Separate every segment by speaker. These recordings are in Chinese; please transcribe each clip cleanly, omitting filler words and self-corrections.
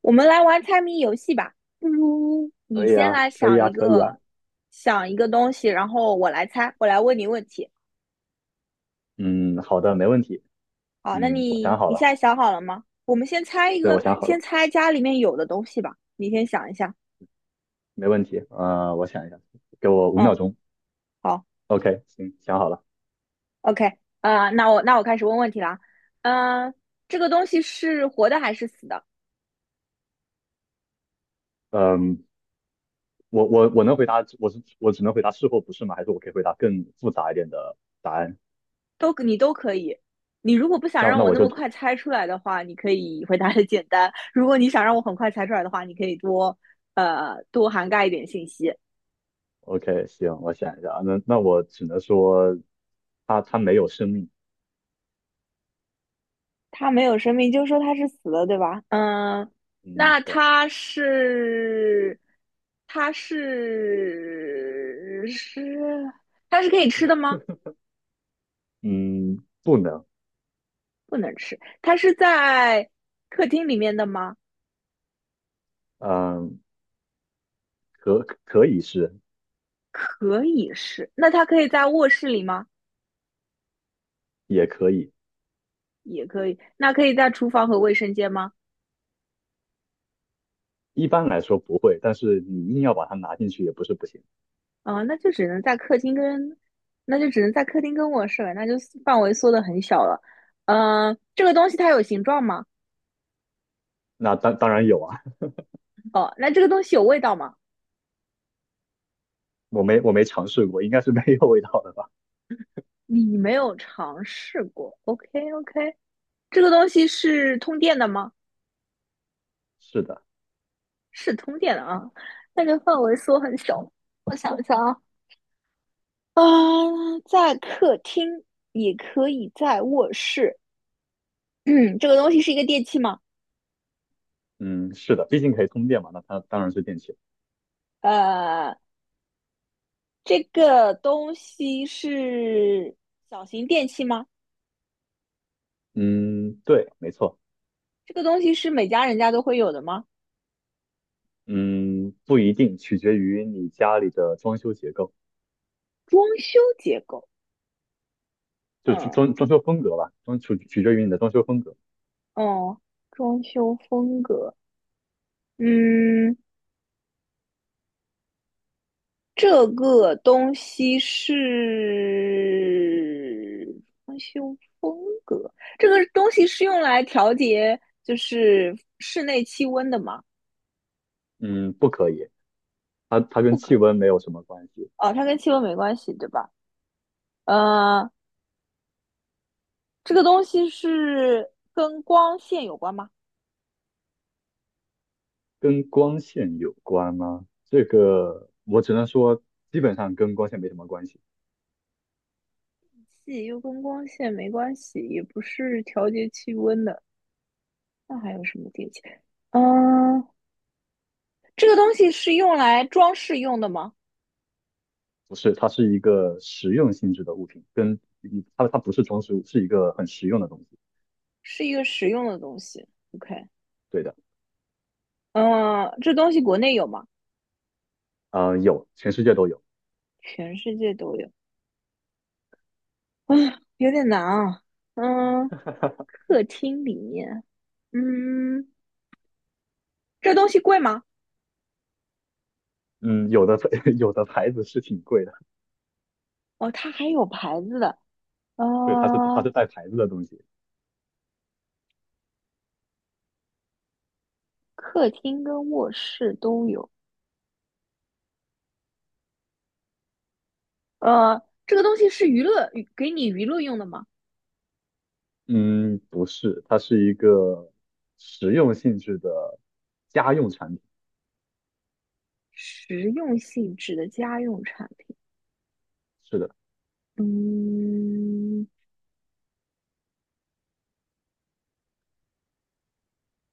Speaker 1: 我们来玩猜谜游戏吧，不如你
Speaker 2: 可以
Speaker 1: 先
Speaker 2: 啊，
Speaker 1: 来
Speaker 2: 可以
Speaker 1: 想
Speaker 2: 啊，
Speaker 1: 一
Speaker 2: 可以
Speaker 1: 个，
Speaker 2: 啊。
Speaker 1: 想一个东西，然后我来猜，我来问你问题。
Speaker 2: 嗯，好的，没问题。
Speaker 1: 好，那
Speaker 2: 嗯，我想
Speaker 1: 你
Speaker 2: 好
Speaker 1: 你现
Speaker 2: 了，
Speaker 1: 在想好了吗？我们先猜一
Speaker 2: 对，
Speaker 1: 个，
Speaker 2: 我想好
Speaker 1: 先
Speaker 2: 了，
Speaker 1: 猜家里面有的东西吧。你先想一下。
Speaker 2: 没问题。我想一下，给我五秒
Speaker 1: 嗯，
Speaker 2: 钟。
Speaker 1: 好
Speaker 2: OK，行，想好了。
Speaker 1: ，OK,那我开始问问题啦。嗯、这个东西是活的还是死的？
Speaker 2: 嗯，我能回答，我只能回答是或不是吗？还是我可以回答更复杂一点的答案？
Speaker 1: 都你都可以。你如果不想
Speaker 2: 那
Speaker 1: 让
Speaker 2: 那
Speaker 1: 我
Speaker 2: 我
Speaker 1: 那
Speaker 2: 就
Speaker 1: 么快猜出来的话，你可以回答的简单；如果你想让我很快猜出来的话，你可以多多涵盖一点信息。
Speaker 2: OK，行，我想一下。那我只能说，它没有生命。
Speaker 1: 它没有生命，就说它是死了，对吧？嗯，
Speaker 2: 嗯，
Speaker 1: 那
Speaker 2: 对，
Speaker 1: 它是它是是它是可以吃的吗？
Speaker 2: 嗯，不能，
Speaker 1: 不能吃。它是在客厅里面的吗？
Speaker 2: 嗯，可可以是，
Speaker 1: 可以是。那它可以在卧室里吗？
Speaker 2: 也可以。
Speaker 1: 也可以。那可以在厨房和卫生间吗？
Speaker 2: 一般来说不会，但是你硬要把它拿进去也不是不行。
Speaker 1: 啊，那就只能在客厅跟卧室了，那就范围缩得很小了。嗯、这个东西它有形状吗？
Speaker 2: 那当然有啊，
Speaker 1: 哦，那这个东西有味道吗？
Speaker 2: 我没尝试过，应该是没有味道的吧？
Speaker 1: 你没有尝试过。OK OK，这个东西是通电的吗？
Speaker 2: 是的，
Speaker 1: 是通电的啊，那就范围缩很小。我想一想啊，啊，在客厅也可以在卧室。嗯，这个东西是一个电器吗？
Speaker 2: 嗯，是的，毕竟可以通电嘛，那它当然是电器。
Speaker 1: 呃，这个东西是小型电器吗？
Speaker 2: 嗯，对，没错，
Speaker 1: 这个东西是每家人家都会有的吗？
Speaker 2: 嗯，不一定，取决于你家里的装修结构，
Speaker 1: 装修结构，
Speaker 2: 就是
Speaker 1: 嗯，
Speaker 2: 装修风格吧，取决于你的装修风格。
Speaker 1: 哦，装修风格，嗯，这个东西是装修风格，这个东西是用来调节就是室内气温的吗？
Speaker 2: 嗯，不可以，它跟
Speaker 1: 不
Speaker 2: 气
Speaker 1: 可以，
Speaker 2: 温没有什么关系，
Speaker 1: 哦，它跟气温没关系，对吧？呃，这个东西是跟光线有关吗？
Speaker 2: 跟光线有关吗？这个我只能说，基本上跟光线没什么关系。
Speaker 1: 洗又跟光线没关系，也不是调节气温的。那还有什么电器？嗯，这个东西是用来装饰用的吗？
Speaker 2: 不是，它是一个实用性质的物品，它不是装饰物，是一个很实用的东西。
Speaker 1: 是一个实用的东西。OK,
Speaker 2: 对的，
Speaker 1: 嗯，这东西国内有吗？
Speaker 2: 啊，有，全世界都有。
Speaker 1: 全世界都有。啊，有点难啊。嗯，客厅里面，嗯，这东西贵吗？
Speaker 2: 嗯，有的 有的牌子是挺贵的，
Speaker 1: 哦，它还有牌子的。
Speaker 2: 对，它是它
Speaker 1: 啊。
Speaker 2: 是带牌子的东西。
Speaker 1: 客厅跟卧室都有。呃，这个东西是娱乐，给你娱乐用的吗？
Speaker 2: 嗯，不是，它是一个实用性质的家用产品。
Speaker 1: 实用性质的家用产品。
Speaker 2: 是的，
Speaker 1: 嗯，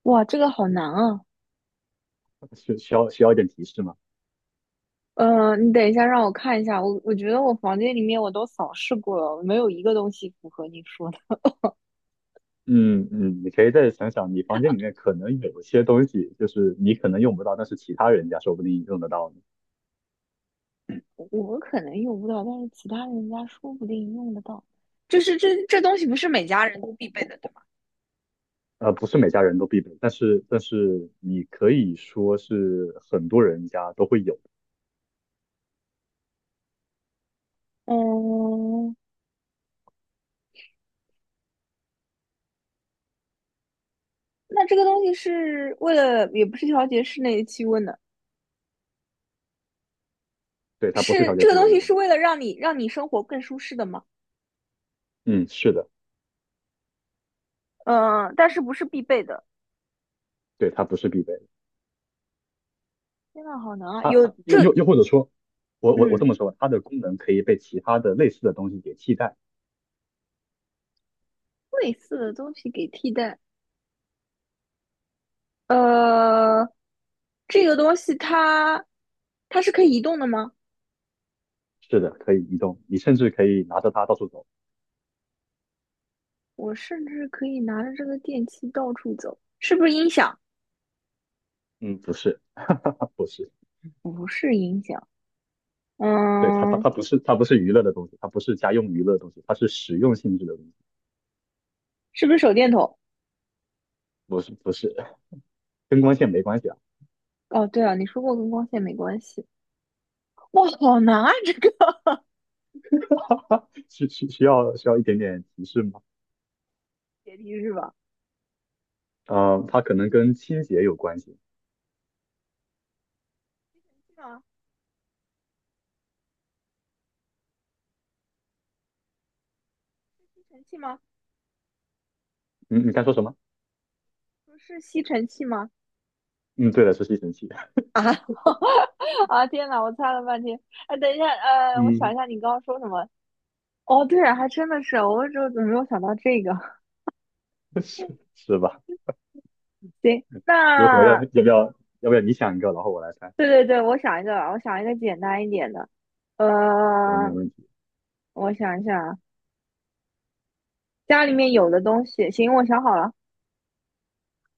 Speaker 1: 哇，这个好难啊。
Speaker 2: 需要一点提示吗？
Speaker 1: 你等一下，让我看一下。我觉得我房间里面我都扫视过了，没有一个东西符合你说的。
Speaker 2: 嗯嗯，你可以再想想，你房间里面可能有一些东西，就是你可能用不到，但是其他人家说不定用得到呢。
Speaker 1: 我可能用不到，但是其他人家说不定用得到。就是这东西不是每家人都必备的，对吧？
Speaker 2: 不是每家人都必备，但是你可以说是很多人家都会有的。
Speaker 1: 嗯，那这个东西是为了，也不是调节室内气温的，
Speaker 2: 对，它不是
Speaker 1: 是
Speaker 2: 调节
Speaker 1: 这个
Speaker 2: 气
Speaker 1: 东
Speaker 2: 温的
Speaker 1: 西
Speaker 2: 东
Speaker 1: 是
Speaker 2: 西。
Speaker 1: 为了让你生活更舒适的吗？
Speaker 2: 嗯，是的，
Speaker 1: 嗯，但是不是必备的。
Speaker 2: 对，它不是必备的。
Speaker 1: 天呐，好难啊！
Speaker 2: 它
Speaker 1: 有
Speaker 2: 它又
Speaker 1: 这
Speaker 2: 又又或者说，我
Speaker 1: 嗯
Speaker 2: 这么说吧，它的功能可以被其他的类似的东西给替代。
Speaker 1: 类似的东西给替代，呃，这个东西它它是可以移动的吗？
Speaker 2: 是的，可以移动，你甚至可以拿着它到处走。
Speaker 1: 我甚至可以拿着这个电器到处走，是不是音响？
Speaker 2: 嗯，不是，它不是，对，它它
Speaker 1: 嗯，
Speaker 2: 它不是它不是娱乐的东西，它不是家用娱乐的东西，它是实用性质的东西。
Speaker 1: 是不是手电筒？
Speaker 2: 不是不是，跟光线没关系啊。
Speaker 1: 哦，对啊，你说过跟光线没关系。哇，好难啊！这个
Speaker 2: 需要一点点提示吗？
Speaker 1: 解题是吧？
Speaker 2: 嗯、它可能跟清洁有关系。
Speaker 1: 是吗？吸尘器吗？
Speaker 2: 嗯，你刚说什么？
Speaker 1: 不是吸尘器吗？
Speaker 2: 嗯，对的，是吸尘器。
Speaker 1: 啊 啊！天呐，我猜了半天。哎，等一下，我想
Speaker 2: 嗯，
Speaker 1: 一下，你刚刚说什么？哦，对啊，还真的是，我就怎么没有想到这个。
Speaker 2: 是是吧？
Speaker 1: 行，
Speaker 2: 如何要要
Speaker 1: 那
Speaker 2: 不要要不要你想一个，然后我来猜？
Speaker 1: 对对对，我想一个简单一点的。呃，
Speaker 2: 行，没问题。
Speaker 1: 我想一下啊，家里面有的东西，行，我想好了。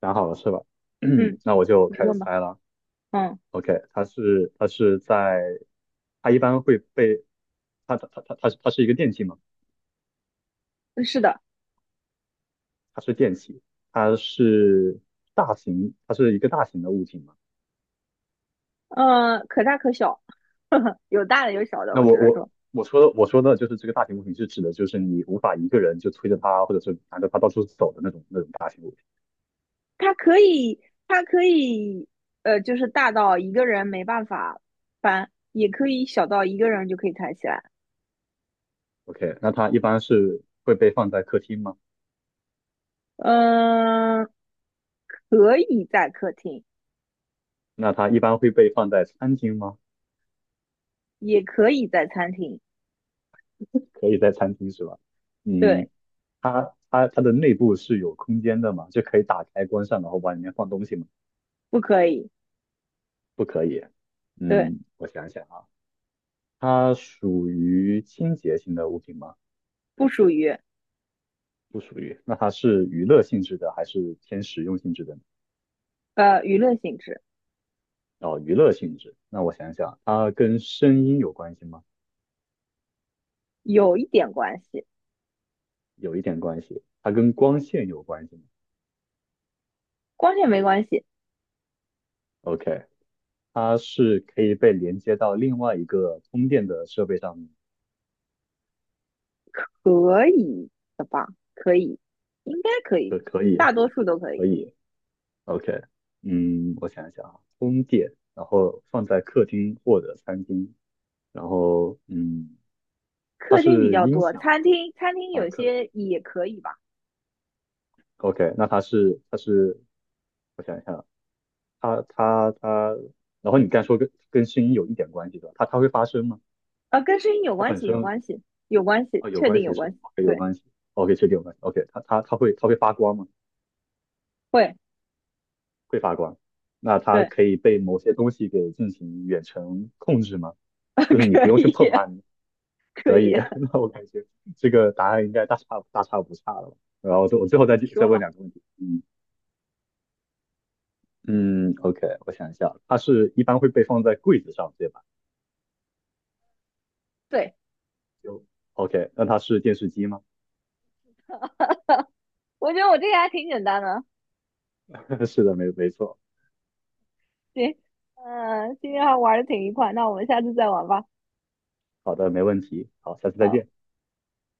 Speaker 2: 想好了是吧？
Speaker 1: 嗯，
Speaker 2: 那我就
Speaker 1: 你
Speaker 2: 开始
Speaker 1: 问吧。
Speaker 2: 猜了。
Speaker 1: 嗯，
Speaker 2: OK，它是它是在它一般会被它是一个电器嘛？
Speaker 1: 是的，
Speaker 2: 它是电器，它是它是一个大型的物体嘛？
Speaker 1: 可大可小，有大的有小的，
Speaker 2: 那
Speaker 1: 我
Speaker 2: 我
Speaker 1: 只能
Speaker 2: 我
Speaker 1: 说，
Speaker 2: 我说的我说的就是这个大型物品是指的就是你无法一个人就推着它或者是拿着它到处走的那种大型物品。
Speaker 1: 它可以，它可以，就是大到一个人没办法搬，也可以小到一个人就可以抬起来。
Speaker 2: OK，那它一般是会被放在客厅吗？
Speaker 1: 嗯、可以在客厅。
Speaker 2: 那它一般会被放在餐厅吗？
Speaker 1: 也可以在餐厅，
Speaker 2: 可以在餐厅是吧？嗯，
Speaker 1: 对，
Speaker 2: 它的内部是有空间的嘛？就可以打开关上，然后往里面放东西吗？
Speaker 1: 不可以，
Speaker 2: 不可以。
Speaker 1: 对，
Speaker 2: 嗯，我想想啊，它属于清洁型的物品吗？
Speaker 1: 不属于
Speaker 2: 不属于。那它是娱乐性质的还是偏实用性质的呢？
Speaker 1: 娱乐性质，
Speaker 2: 哦，娱乐性质。那我想想，它跟声音有关系吗？
Speaker 1: 有一点关系，
Speaker 2: 有一点关系。它跟光线有关系吗
Speaker 1: 光线没关系，
Speaker 2: ？OK，它是可以被连接到另外一个充电的设备上面，
Speaker 1: 可以的吧？可以，应该可以，
Speaker 2: 可可
Speaker 1: 大多数都可以。
Speaker 2: 可以。OK，嗯，我想想啊，充电，然后放在客厅或者餐厅，然后嗯，它
Speaker 1: 客厅比
Speaker 2: 是
Speaker 1: 较
Speaker 2: 音
Speaker 1: 多，
Speaker 2: 响
Speaker 1: 餐
Speaker 2: 吗？
Speaker 1: 厅餐厅
Speaker 2: 啊，
Speaker 1: 有些也可以吧？
Speaker 2: OK，那它是它是，我想一下啊，它它它，然后你刚才说跟声音有一点关系的，它会发声吗？
Speaker 1: 跟声音有
Speaker 2: 它
Speaker 1: 关
Speaker 2: 本
Speaker 1: 系，有
Speaker 2: 身
Speaker 1: 关系，有关系，
Speaker 2: 哦，有
Speaker 1: 确
Speaker 2: 关
Speaker 1: 定有
Speaker 2: 系是
Speaker 1: 关
Speaker 2: 吧
Speaker 1: 系，
Speaker 2: ？OK，有
Speaker 1: 对，
Speaker 2: 关系，OK，确定有关系，OK，它会发光吗？
Speaker 1: 会，
Speaker 2: 会发光，那它
Speaker 1: 对，
Speaker 2: 可以被某些东西给进行远程控制吗？就是你不
Speaker 1: 可
Speaker 2: 用去
Speaker 1: 以，
Speaker 2: 碰它，你
Speaker 1: 可
Speaker 2: 可
Speaker 1: 以，
Speaker 2: 以。那我感觉这个答案应该大差不差了吧。然后我我最后
Speaker 1: 你
Speaker 2: 再
Speaker 1: 说
Speaker 2: 问
Speaker 1: 吧。
Speaker 2: 2个问题，嗯嗯，OK，我想一下，它是一般会被放在柜子上，对吧？
Speaker 1: 对，
Speaker 2: 就 OK，那它是电视机吗？
Speaker 1: 我觉得我这个还挺简单的。
Speaker 2: 是的，没错。
Speaker 1: 行，嗯，今天还玩的挺愉快，那我们下次再玩吧。
Speaker 2: 好的，没问题。好，下次再
Speaker 1: 好。
Speaker 2: 见。